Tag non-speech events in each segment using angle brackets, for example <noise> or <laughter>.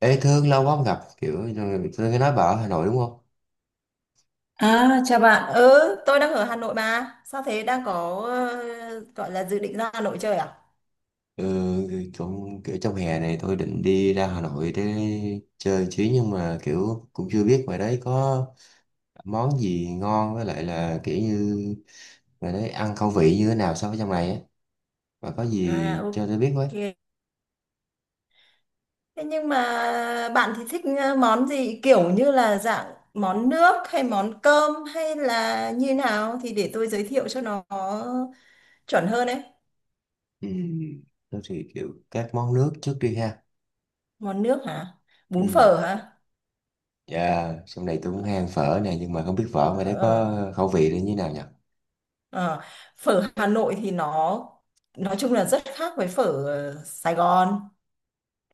Ê Thương, lâu quá không gặp, rồi tôi nghe nói bà ở Hà Nội đúng không? À, chào bạn. Ừ, tôi đang ở Hà Nội mà. Sao thế, đang có gọi là dự định ra Hà Nội chơi à? Ừ, kiểu trong hè này tôi định đi ra Hà Nội để chơi chứ, nhưng mà cũng chưa biết ngoài đấy có món gì ngon, với lại là kiểu như ngoài đấy ăn khẩu vị như thế nào so với trong này á, và có À, gì cho tôi biết với. ok. Thế nhưng mà bạn thì thích món gì, kiểu như là dạng món nước hay món cơm hay là như nào, thì để tôi giới thiệu cho nó chuẩn hơn đấy. Ừ, tôi thì các món nước trước đi ha. Món nước hả? Bún Ừ, phở hả? dạ, trong này tôi cũng hay ăn phở nè, nhưng mà không biết Ờ, phở ngoài ờ, đấy ờ. có khẩu vị là như thế nào nhỉ? Ờ, Phở Hà Nội thì nó nói chung là rất khác với phở Sài Gòn.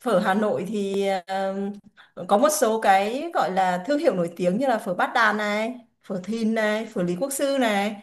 Phở Hà Nội thì có một số cái gọi là thương hiệu nổi tiếng như là phở Bát Đàn này, phở Thìn này, phở Lý Quốc Sư này.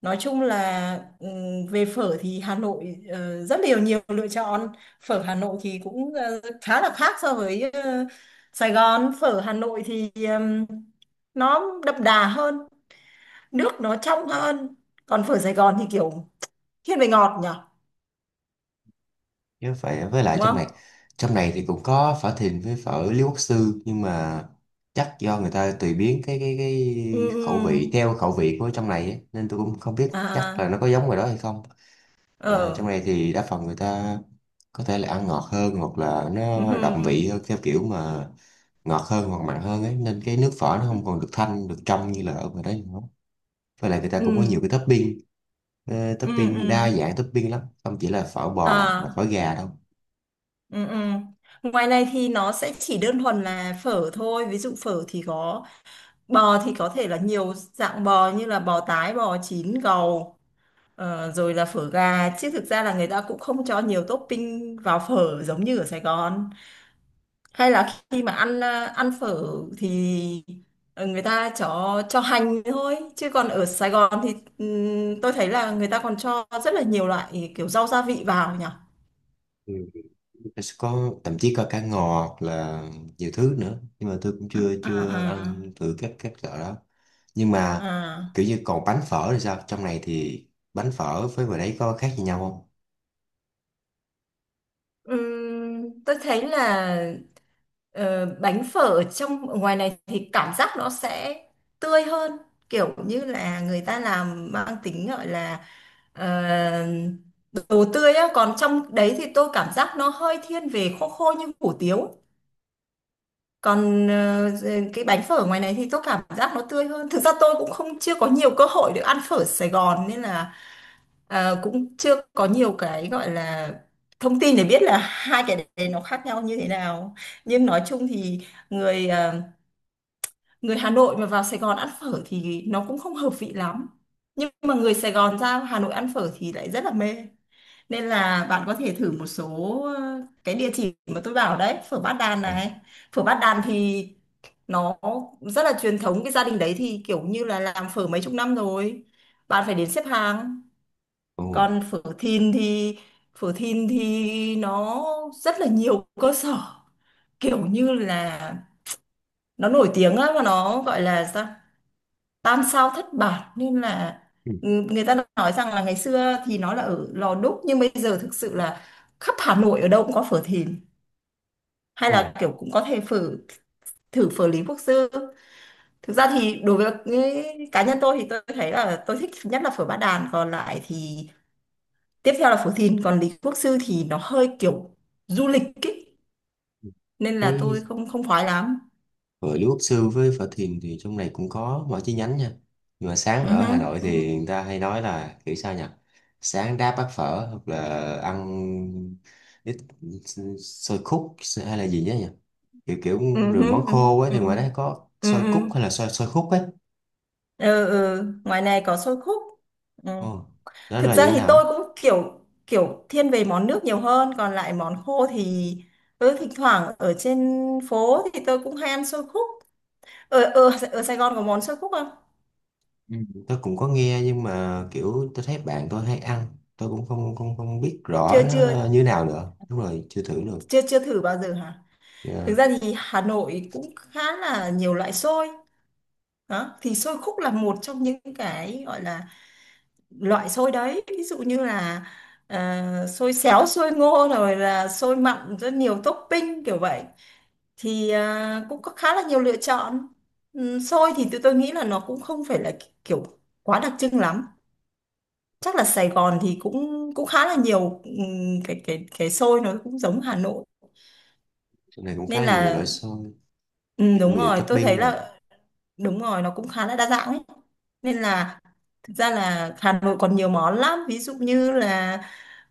Nói chung là về phở thì Hà Nội rất nhiều nhiều lựa chọn. Phở Hà Nội thì cũng khá là khác so với Sài Gòn. Phở Hà Nội thì nó đậm đà hơn, nước nó trong hơn. Còn phở Sài Gòn thì kiểu thiên về ngọt nhỉ, Chứ phải, với lại đúng trong không? này, thì cũng có phở Thìn với phở Lý Quốc Sư, nhưng mà chắc do người ta tùy biến cái Ừ, ừ. khẩu Ừ. vị theo khẩu vị của trong này ấy, nên tôi cũng không biết chắc là À, nó có giống ngoài đó hay không. Ờ, ờ. trong này thì đa phần người ta có thể là ăn ngọt hơn, hoặc là Ừ. nó đậm vị hơn, theo kiểu mà ngọt hơn hoặc mặn hơn ấy, nên cái nước phở nó không còn được thanh, được trong như là ở ngoài đấy nữa. Với lại người ta ừ cũng có nhiều cái topping, ừ. topping đa dạng, topping lắm, không chỉ là phở bò hoặc là phở À. gà đâu. Ừ. Ngoài này thì nó sẽ chỉ đơn thuần là phở thôi, ví dụ phở thì có bò thì có thể là nhiều dạng bò như là bò tái, bò chín, gầu, rồi là phở gà, chứ thực ra là người ta cũng không cho nhiều topping vào phở giống như ở Sài Gòn hay là khi mà ăn ăn phở thì người ta cho hành thôi, chứ còn ở Sài Gòn thì tôi thấy là người ta còn cho rất là nhiều loại kiểu rau gia vị vào nhỉ. Nó sẽ có, thậm chí có cá ngọt hoặc là nhiều thứ nữa, nhưng mà tôi cũng chưa À, chưa à. ăn thử các loại đó. Nhưng mà À, kiểu như còn bánh phở thì sao, trong này thì bánh phở với ngoài đấy có khác gì nhau không? Tôi thấy là bánh phở ở ngoài này thì cảm giác nó sẽ tươi hơn, kiểu như là người ta làm mang tính gọi là ờ, đồ tươi á, còn trong đấy thì tôi cảm giác nó hơi thiên về khô, khô như hủ tiếu. Còn cái bánh phở ngoài này thì tôi cảm giác nó tươi hơn. Thực ra tôi cũng không chưa có nhiều cơ hội được ăn phở Sài Gòn nên là cũng chưa có nhiều cái gọi là thông tin để biết là hai cái đấy nó khác nhau như thế nào. Nhưng nói chung thì người ờ, người Hà Nội mà vào Sài Gòn ăn phở thì nó cũng không hợp vị lắm, nhưng mà người Sài Gòn ra Hà Nội ăn phở thì lại rất là mê. Nên là bạn có thể thử một số cái địa chỉ mà tôi bảo đấy, phở Bát Đàn À. này. Phở Bát Đàn thì nó rất là truyền thống, cái gia đình đấy thì kiểu như là làm phở mấy chục năm rồi. Bạn phải đến xếp hàng. Ồ. Còn phở Thìn thì nó rất là nhiều cơ sở, kiểu như là nó nổi tiếng á, và nó gọi là sao? Tam sao thất bản, nên là Ừ. ừ, người ta nói rằng là ngày xưa thì nó là ở Lò Đúc, nhưng bây giờ thực sự là khắp Hà Nội ở đâu cũng có phở Thìn. Hay Ồ. là kiểu cũng có thể thử phở Lý Quốc Sư. Thực ra thì đối với cá nhân tôi thì tôi thấy là tôi thích nhất là phở Bát Đàn, còn lại thì tiếp theo là phở Thìn, còn Lý Quốc Sư thì nó hơi kiểu du lịch ý. Nên là tôi Thế không không khoái lắm. với Lưu Quốc Sư với Phở Thiền thì trong này cũng có mỗi chi nhánh nha. Nhưng mà sáng Ừ ở hứ, Hà Nội ừ hứ, thì người ta hay nói là sao nhỉ? Sáng đáp bát phở hoặc là ăn ít xôi khúc hay là gì nhá nhỉ? Kiểu kiểu ừ rồi hứ, món ừ hứ, khô ấy, ừ thì ngoài hứ, đó có ừ xôi cúc hứ. hay là xôi xôi khúc ấy. Ừ. Ngoài này có xôi khúc. Ừ. Ồ, đó Thực là như ra thế thì nào ấy? tôi cũng kiểu kiểu thiên về món nước nhiều hơn, còn lại món khô thì ừ, thỉnh thoảng ở trên phố thì tôi cũng hay ăn xôi khúc. Ở ở ở Sài Gòn có món xôi khúc không? Ừ, tôi cũng có nghe nhưng mà tôi thấy bạn tôi hay ăn. Tôi cũng không không không biết rõ chưa nó chưa là như thế nào nữa. Đúng rồi, chưa thử được. chưa chưa thử bao giờ hả? Thực Yeah. ra thì Hà Nội cũng khá là nhiều loại xôi đó, thì xôi khúc là một trong những cái gọi là loại xôi đấy, ví dụ như là xôi xéo, xôi ngô, rồi là xôi mặn, rất nhiều topping kiểu vậy, thì à, cũng có khá là nhiều lựa chọn. Xôi thì tụi tôi nghĩ là nó cũng không phải là kiểu quá đặc trưng lắm, chắc là Sài Gòn thì cũng cũng khá là nhiều, cái xôi nó cũng giống Hà Nội. Trong này cũng khá Nên là nhiều là loại xôi. Kiểu đúng như rồi, tôi thấy topping nữa. là đúng rồi, nó cũng khá là đa dạng ấy. Nên là thực ra là Hà Nội còn nhiều món lắm, ví dụ như là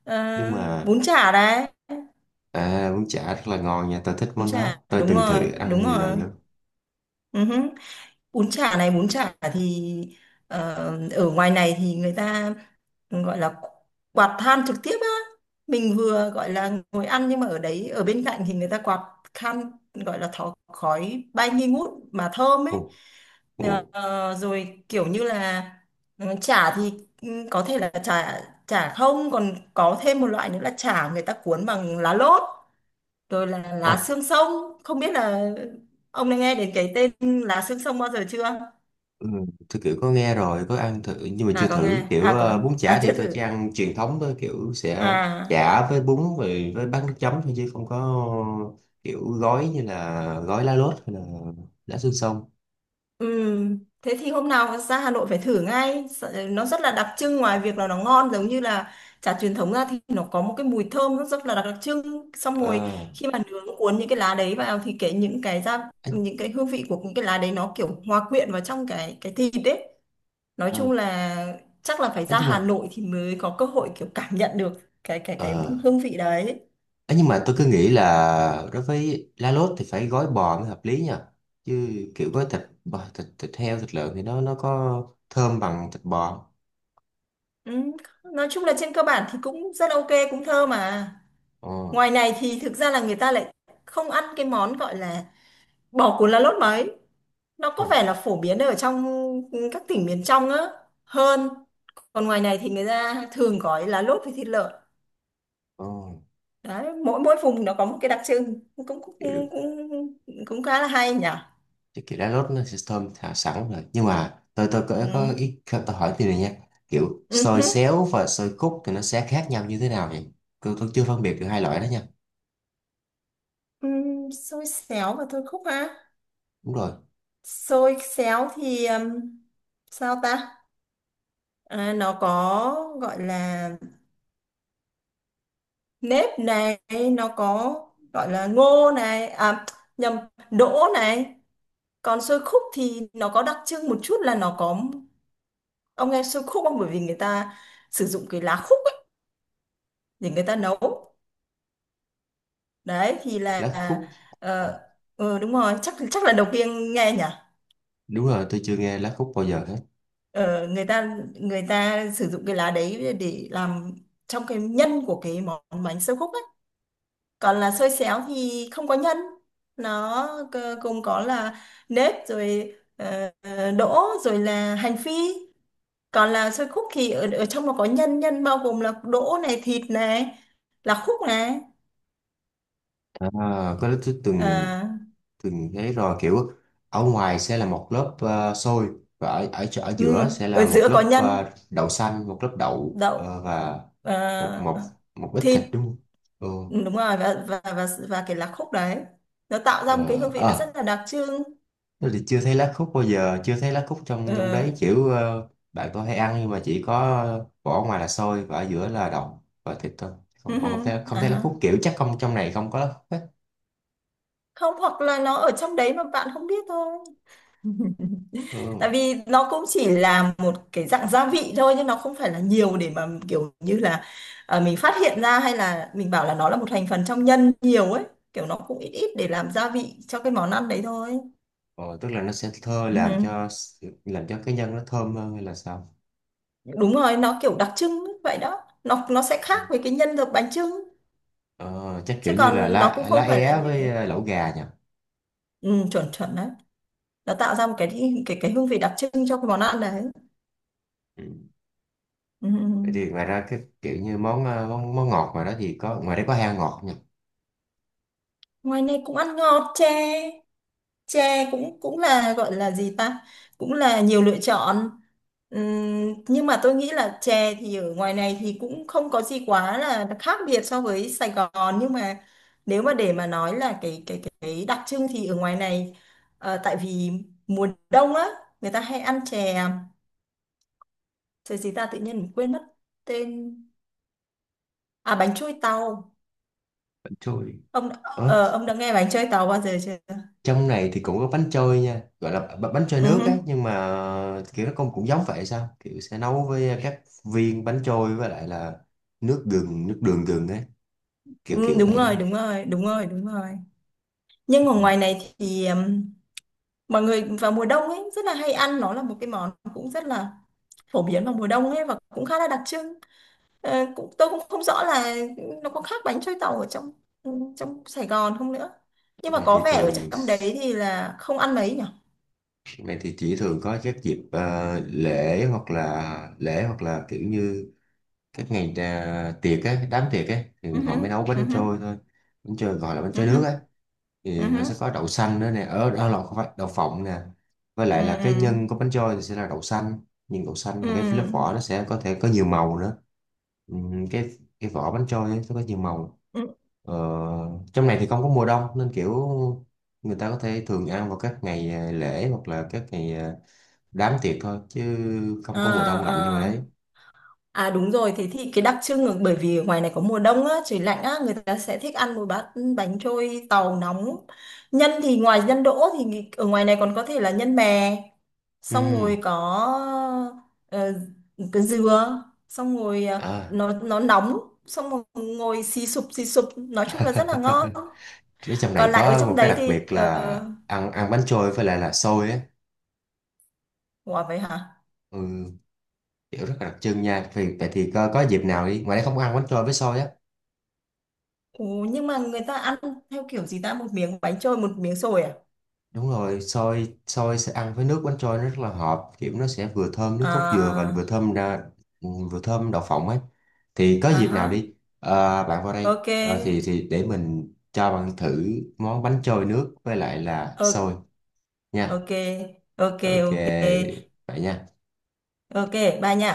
ờ, Nhưng mà, bún chả đấy. à, bún chả rất là ngon nha, tôi thích Bún món chả, đó, tôi đúng từng rồi, thử ăn đúng nhiều rồi. lần lắm. Ừ hứ. Bún chả thì ờ, ở ngoài này thì người ta gọi là quạt than trực tiếp á, mình vừa gọi là ngồi ăn nhưng mà ở đấy, ở bên cạnh thì người ta quạt than, gọi là thó, khói bay nghi ngút mà thơm ấy. Ồ. Ồ. Ờ, rồi kiểu như là ừ, chả thì ừ, có thể là chả chả không, còn có thêm một loại nữa là chả người ta cuốn bằng lá lốt, rồi là Ồ. lá xương sông, không biết là ông đã nghe đến cái tên lá xương sông bao giờ chưa. Ừ, tôi có nghe rồi, có ăn thử, nhưng mà À chưa có thử nghe, kiểu, bún chả à thì chưa tôi thử. chỉ ăn truyền thống thôi, kiểu sẽ À, chả với bún rồi với bát nước chấm thôi, chứ không có kiểu gói như là gói lá lốt hay là lá xương sông. Thế thì hôm nào ra Hà Nội phải thử ngay. Nó rất là đặc trưng, ngoài việc là nó ngon giống như là chả truyền thống ra, thì nó có một cái mùi thơm rất là đặc trưng. Xong rồi Ờ khi mà nướng cuốn những cái lá đấy vào thì cái những cái ra ấy, những cái hương vị của những cái lá đấy nó kiểu hòa quyện vào trong cái thịt đấy. Nói ờ chung là chắc là phải ấy ra nhưng Hà mà Nội thì mới có cơ hội kiểu cảm nhận được cái cái ờ. cái hương vị đấy. Ấy, nhưng mà tôi cứ nghĩ là đối với lá lốt thì phải gói bò mới hợp lý nha, chứ kiểu gói thịt bò, thịt thịt heo, thịt lợn thì nó có thơm bằng thịt bò không? Ừ, nói chung là trên cơ bản thì cũng rất ok, cũng thơm mà. Ồ. Ngoài này thì thực ra là người ta lại không ăn cái món gọi là bò cuốn lá lốt mấy. Nó Ồ. có vẻ là phổ biến ở trong các tỉnh miền trong á hơn. Còn ngoài này thì người ta thường gói lá lốt với thịt lợn. Ồ. Đấy, mỗi mỗi vùng nó có một cái đặc trưng, cũng cũng kiểu, cũng cũng, cũng khá là hay nhỉ. cái kiểu lá lốt nó sẽ thơm thả sẵn rồi, nhưng mà tôi Ừ. có ý tôi hỏi tiền này nha, Ừ. xôi xéo và xôi khúc thì nó sẽ khác nhau như thế nào vậy? Tôi chưa phân biệt được hai loại đó nha. Ừ. Xôi xéo và thôi khúc ha. Đúng rồi. Xôi xéo thì sao ta? À, nó có gọi là nếp này, nó có gọi là ngô này à nhầm đỗ này. Còn xôi khúc thì nó có đặc trưng một chút là nó có, ông nghe xôi khúc không, bởi vì người ta sử dụng cái lá khúc ấy để người ta nấu, đấy thì là Lá khúc. ờ. Ồ, Ừ, đúng rồi, chắc chắc là đầu tiên nghe nhỉ. đúng rồi, tôi chưa nghe lá khúc bao giờ hết. Ờ, người ta sử dụng cái lá đấy để làm trong cái nhân của cái món bánh xôi khúc. Còn là xôi xéo thì không có nhân, nó gồm có là nếp rồi đỗ rồi là hành phi. Còn là xôi khúc thì ở, ở trong nó có nhân, nhân bao gồm là đỗ này, thịt này, là khúc này. À, có lẽ tôi từng, Ờ, từng thấy rồi, kiểu ở ngoài sẽ là một lớp xôi, và ở ở ừ, giữa sẽ ở là một giữa có lớp nhân đậu xanh, một lớp đậu đậu, và một ờ, một một ít thịt. thịt đúng không? Ừ. Ừ, đúng rồi, và cái lá khúc đấy nó tạo ra một cái hương Ờ, vị nó ờ, rất là đặc trưng. thế thì chưa thấy lá khúc bao giờ, chưa thấy lá khúc trong trong Ờ, đấy, kiểu bạn tôi hay ăn, nhưng mà chỉ có vỏ ngoài là xôi và ở giữa là đậu và thịt thôi. Không ừ, còn, không hừ, thấy, à lá ha. khúc, kiểu chắc không, trong này không có lá khúc hết. Không, hoặc là nó ở trong đấy mà bạn không biết thôi. <laughs> Tại Ừ. vì nó cũng chỉ là một cái dạng gia vị thôi, nhưng nó không phải là nhiều để mà kiểu như là mình phát hiện ra, hay là mình bảo là nó là một thành phần trong nhân nhiều ấy, kiểu nó cũng ít ít để làm gia vị cho cái món ăn đấy thôi. Ờ, tức là nó sẽ thơ Ừ. làm cho, làm cho cái nhân nó thơm hơn hay là sao? Đúng rồi, nó kiểu đặc trưng ấy, vậy đó, nó sẽ Ừ. khác với cái nhân được bánh chưng, Ờ, chắc chứ kiểu như là còn nó lá cũng lá không phải là é với nhiều. Lẩu gà nhỉ. Ừ, chuẩn chuẩn đấy, nó tạo ra một cái cái hương vị đặc trưng cho cái món ăn đấy. Ừ. Ừ. Vậy thì ngoài ra cái kiểu như món món ngọt ngoài đó thì có, ngoài đấy có heo ngọt nhỉ. Ngoài này cũng ăn ngọt, chè tre cũng cũng là gọi là gì ta, cũng là nhiều lựa chọn. Nhưng mà tôi nghĩ là chè thì ở ngoài này thì cũng không có gì quá là khác biệt so với Sài Gòn, nhưng mà nếu mà để mà nói là cái đặc trưng thì ở ngoài này tại vì mùa đông á, người ta hay ăn chè. Chè gì ta, tự nhiên mình quên mất tên. À, bánh trôi tàu. Bánh trôi. Ờ, Ông đã nghe bánh trôi tàu bao giờ chưa? trong này thì cũng có bánh trôi nha, gọi là bánh trôi Ừ, nước hứ. ấy, nhưng mà kiểu nó cũng cũng giống vậy sao, kiểu sẽ nấu với các viên bánh trôi với lại là nước gừng, nước đường gừng ấy, kiểu Ừ, kiểu đúng vậy đúng rồi không? đúng rồi đúng rồi đúng rồi. Nhưng ở Ừ. ngoài này thì mọi người vào mùa đông ấy rất là hay ăn, nó là một cái món cũng rất là phổ biến vào mùa đông ấy, và cũng khá là đặc trưng. Ờ, cũng tôi cũng không rõ là nó có khác bánh trôi tàu ở ừ, trong Sài Gòn không nữa. Nhưng Trong mà này có thì vẻ ở thường, trong đấy thì là không ăn mấy nhỉ? trong này thì chỉ thường có các dịp lễ, hoặc là kiểu như các ngày, à, tiệc á, đám tiệc á, thì Ừ hứ, họ mới nấu ừ bánh hứ, trôi thôi. Bánh trôi gọi là bánh ừ trôi hứ, nước á, ừ thì nó hứ, sẽ có đậu xanh nữa nè, ở đó là không phải đậu phộng nè. Với lại là cái ừ, nhân của bánh trôi thì sẽ là đậu xanh, nhưng đậu xanh ừ, và cái ừ, lớp vỏ nó sẽ có thể có nhiều màu nữa. Ừm, cái cái vỏ bánh trôi ấy, nó có nhiều màu. ừ. Ờ, trong này thì không có mùa đông nên kiểu người ta có thể thường ăn vào các ngày, à, lễ, hoặc là các ngày, à, đám tiệc thôi, chứ Ờ, không có mùa đông lạnh như vậy đấy. ờ. À đúng rồi, thế thì cái đặc trưng là bởi vì ngoài này có mùa đông á, trời lạnh á, người ta sẽ thích ăn một bát bánh trôi tàu nóng. Nhân thì ngoài nhân đỗ thì ở ngoài này còn có thể là nhân mè, xong rồi Ừ. có ờ, cái dừa, xong rồi ờ, À, nó nóng, xong rồi ngồi xì sụp, nói chung là rất là ngon. ở trong này Còn lại ở có một trong cái đấy đặc thì biệt là ăn ăn bánh trôi với lại là xôi á. ủa vậy hả? Ừ, kiểu rất là đặc trưng nha. Vì vậy thì có dịp nào đi, ngoài đây không có ăn bánh trôi với xôi á. Ồ, nhưng mà người ta ăn theo kiểu gì ta, một miếng bánh trôi một miếng xôi à? Đúng rồi, xôi xôi sẽ ăn với nước bánh trôi, nó rất là hợp, kiểu nó sẽ vừa thơm nước cốt dừa, và À, vừa thơm đậu phộng ấy. Thì có à dịp nào ha. đi, bạn vào đây Ok. Thì để mình cho bạn thử món bánh trôi nước với lại là xôi Ok. nha. Ok. Ok. Ok, Ok. vậy nha. Ok. Bye nha.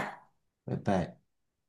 Bye bye.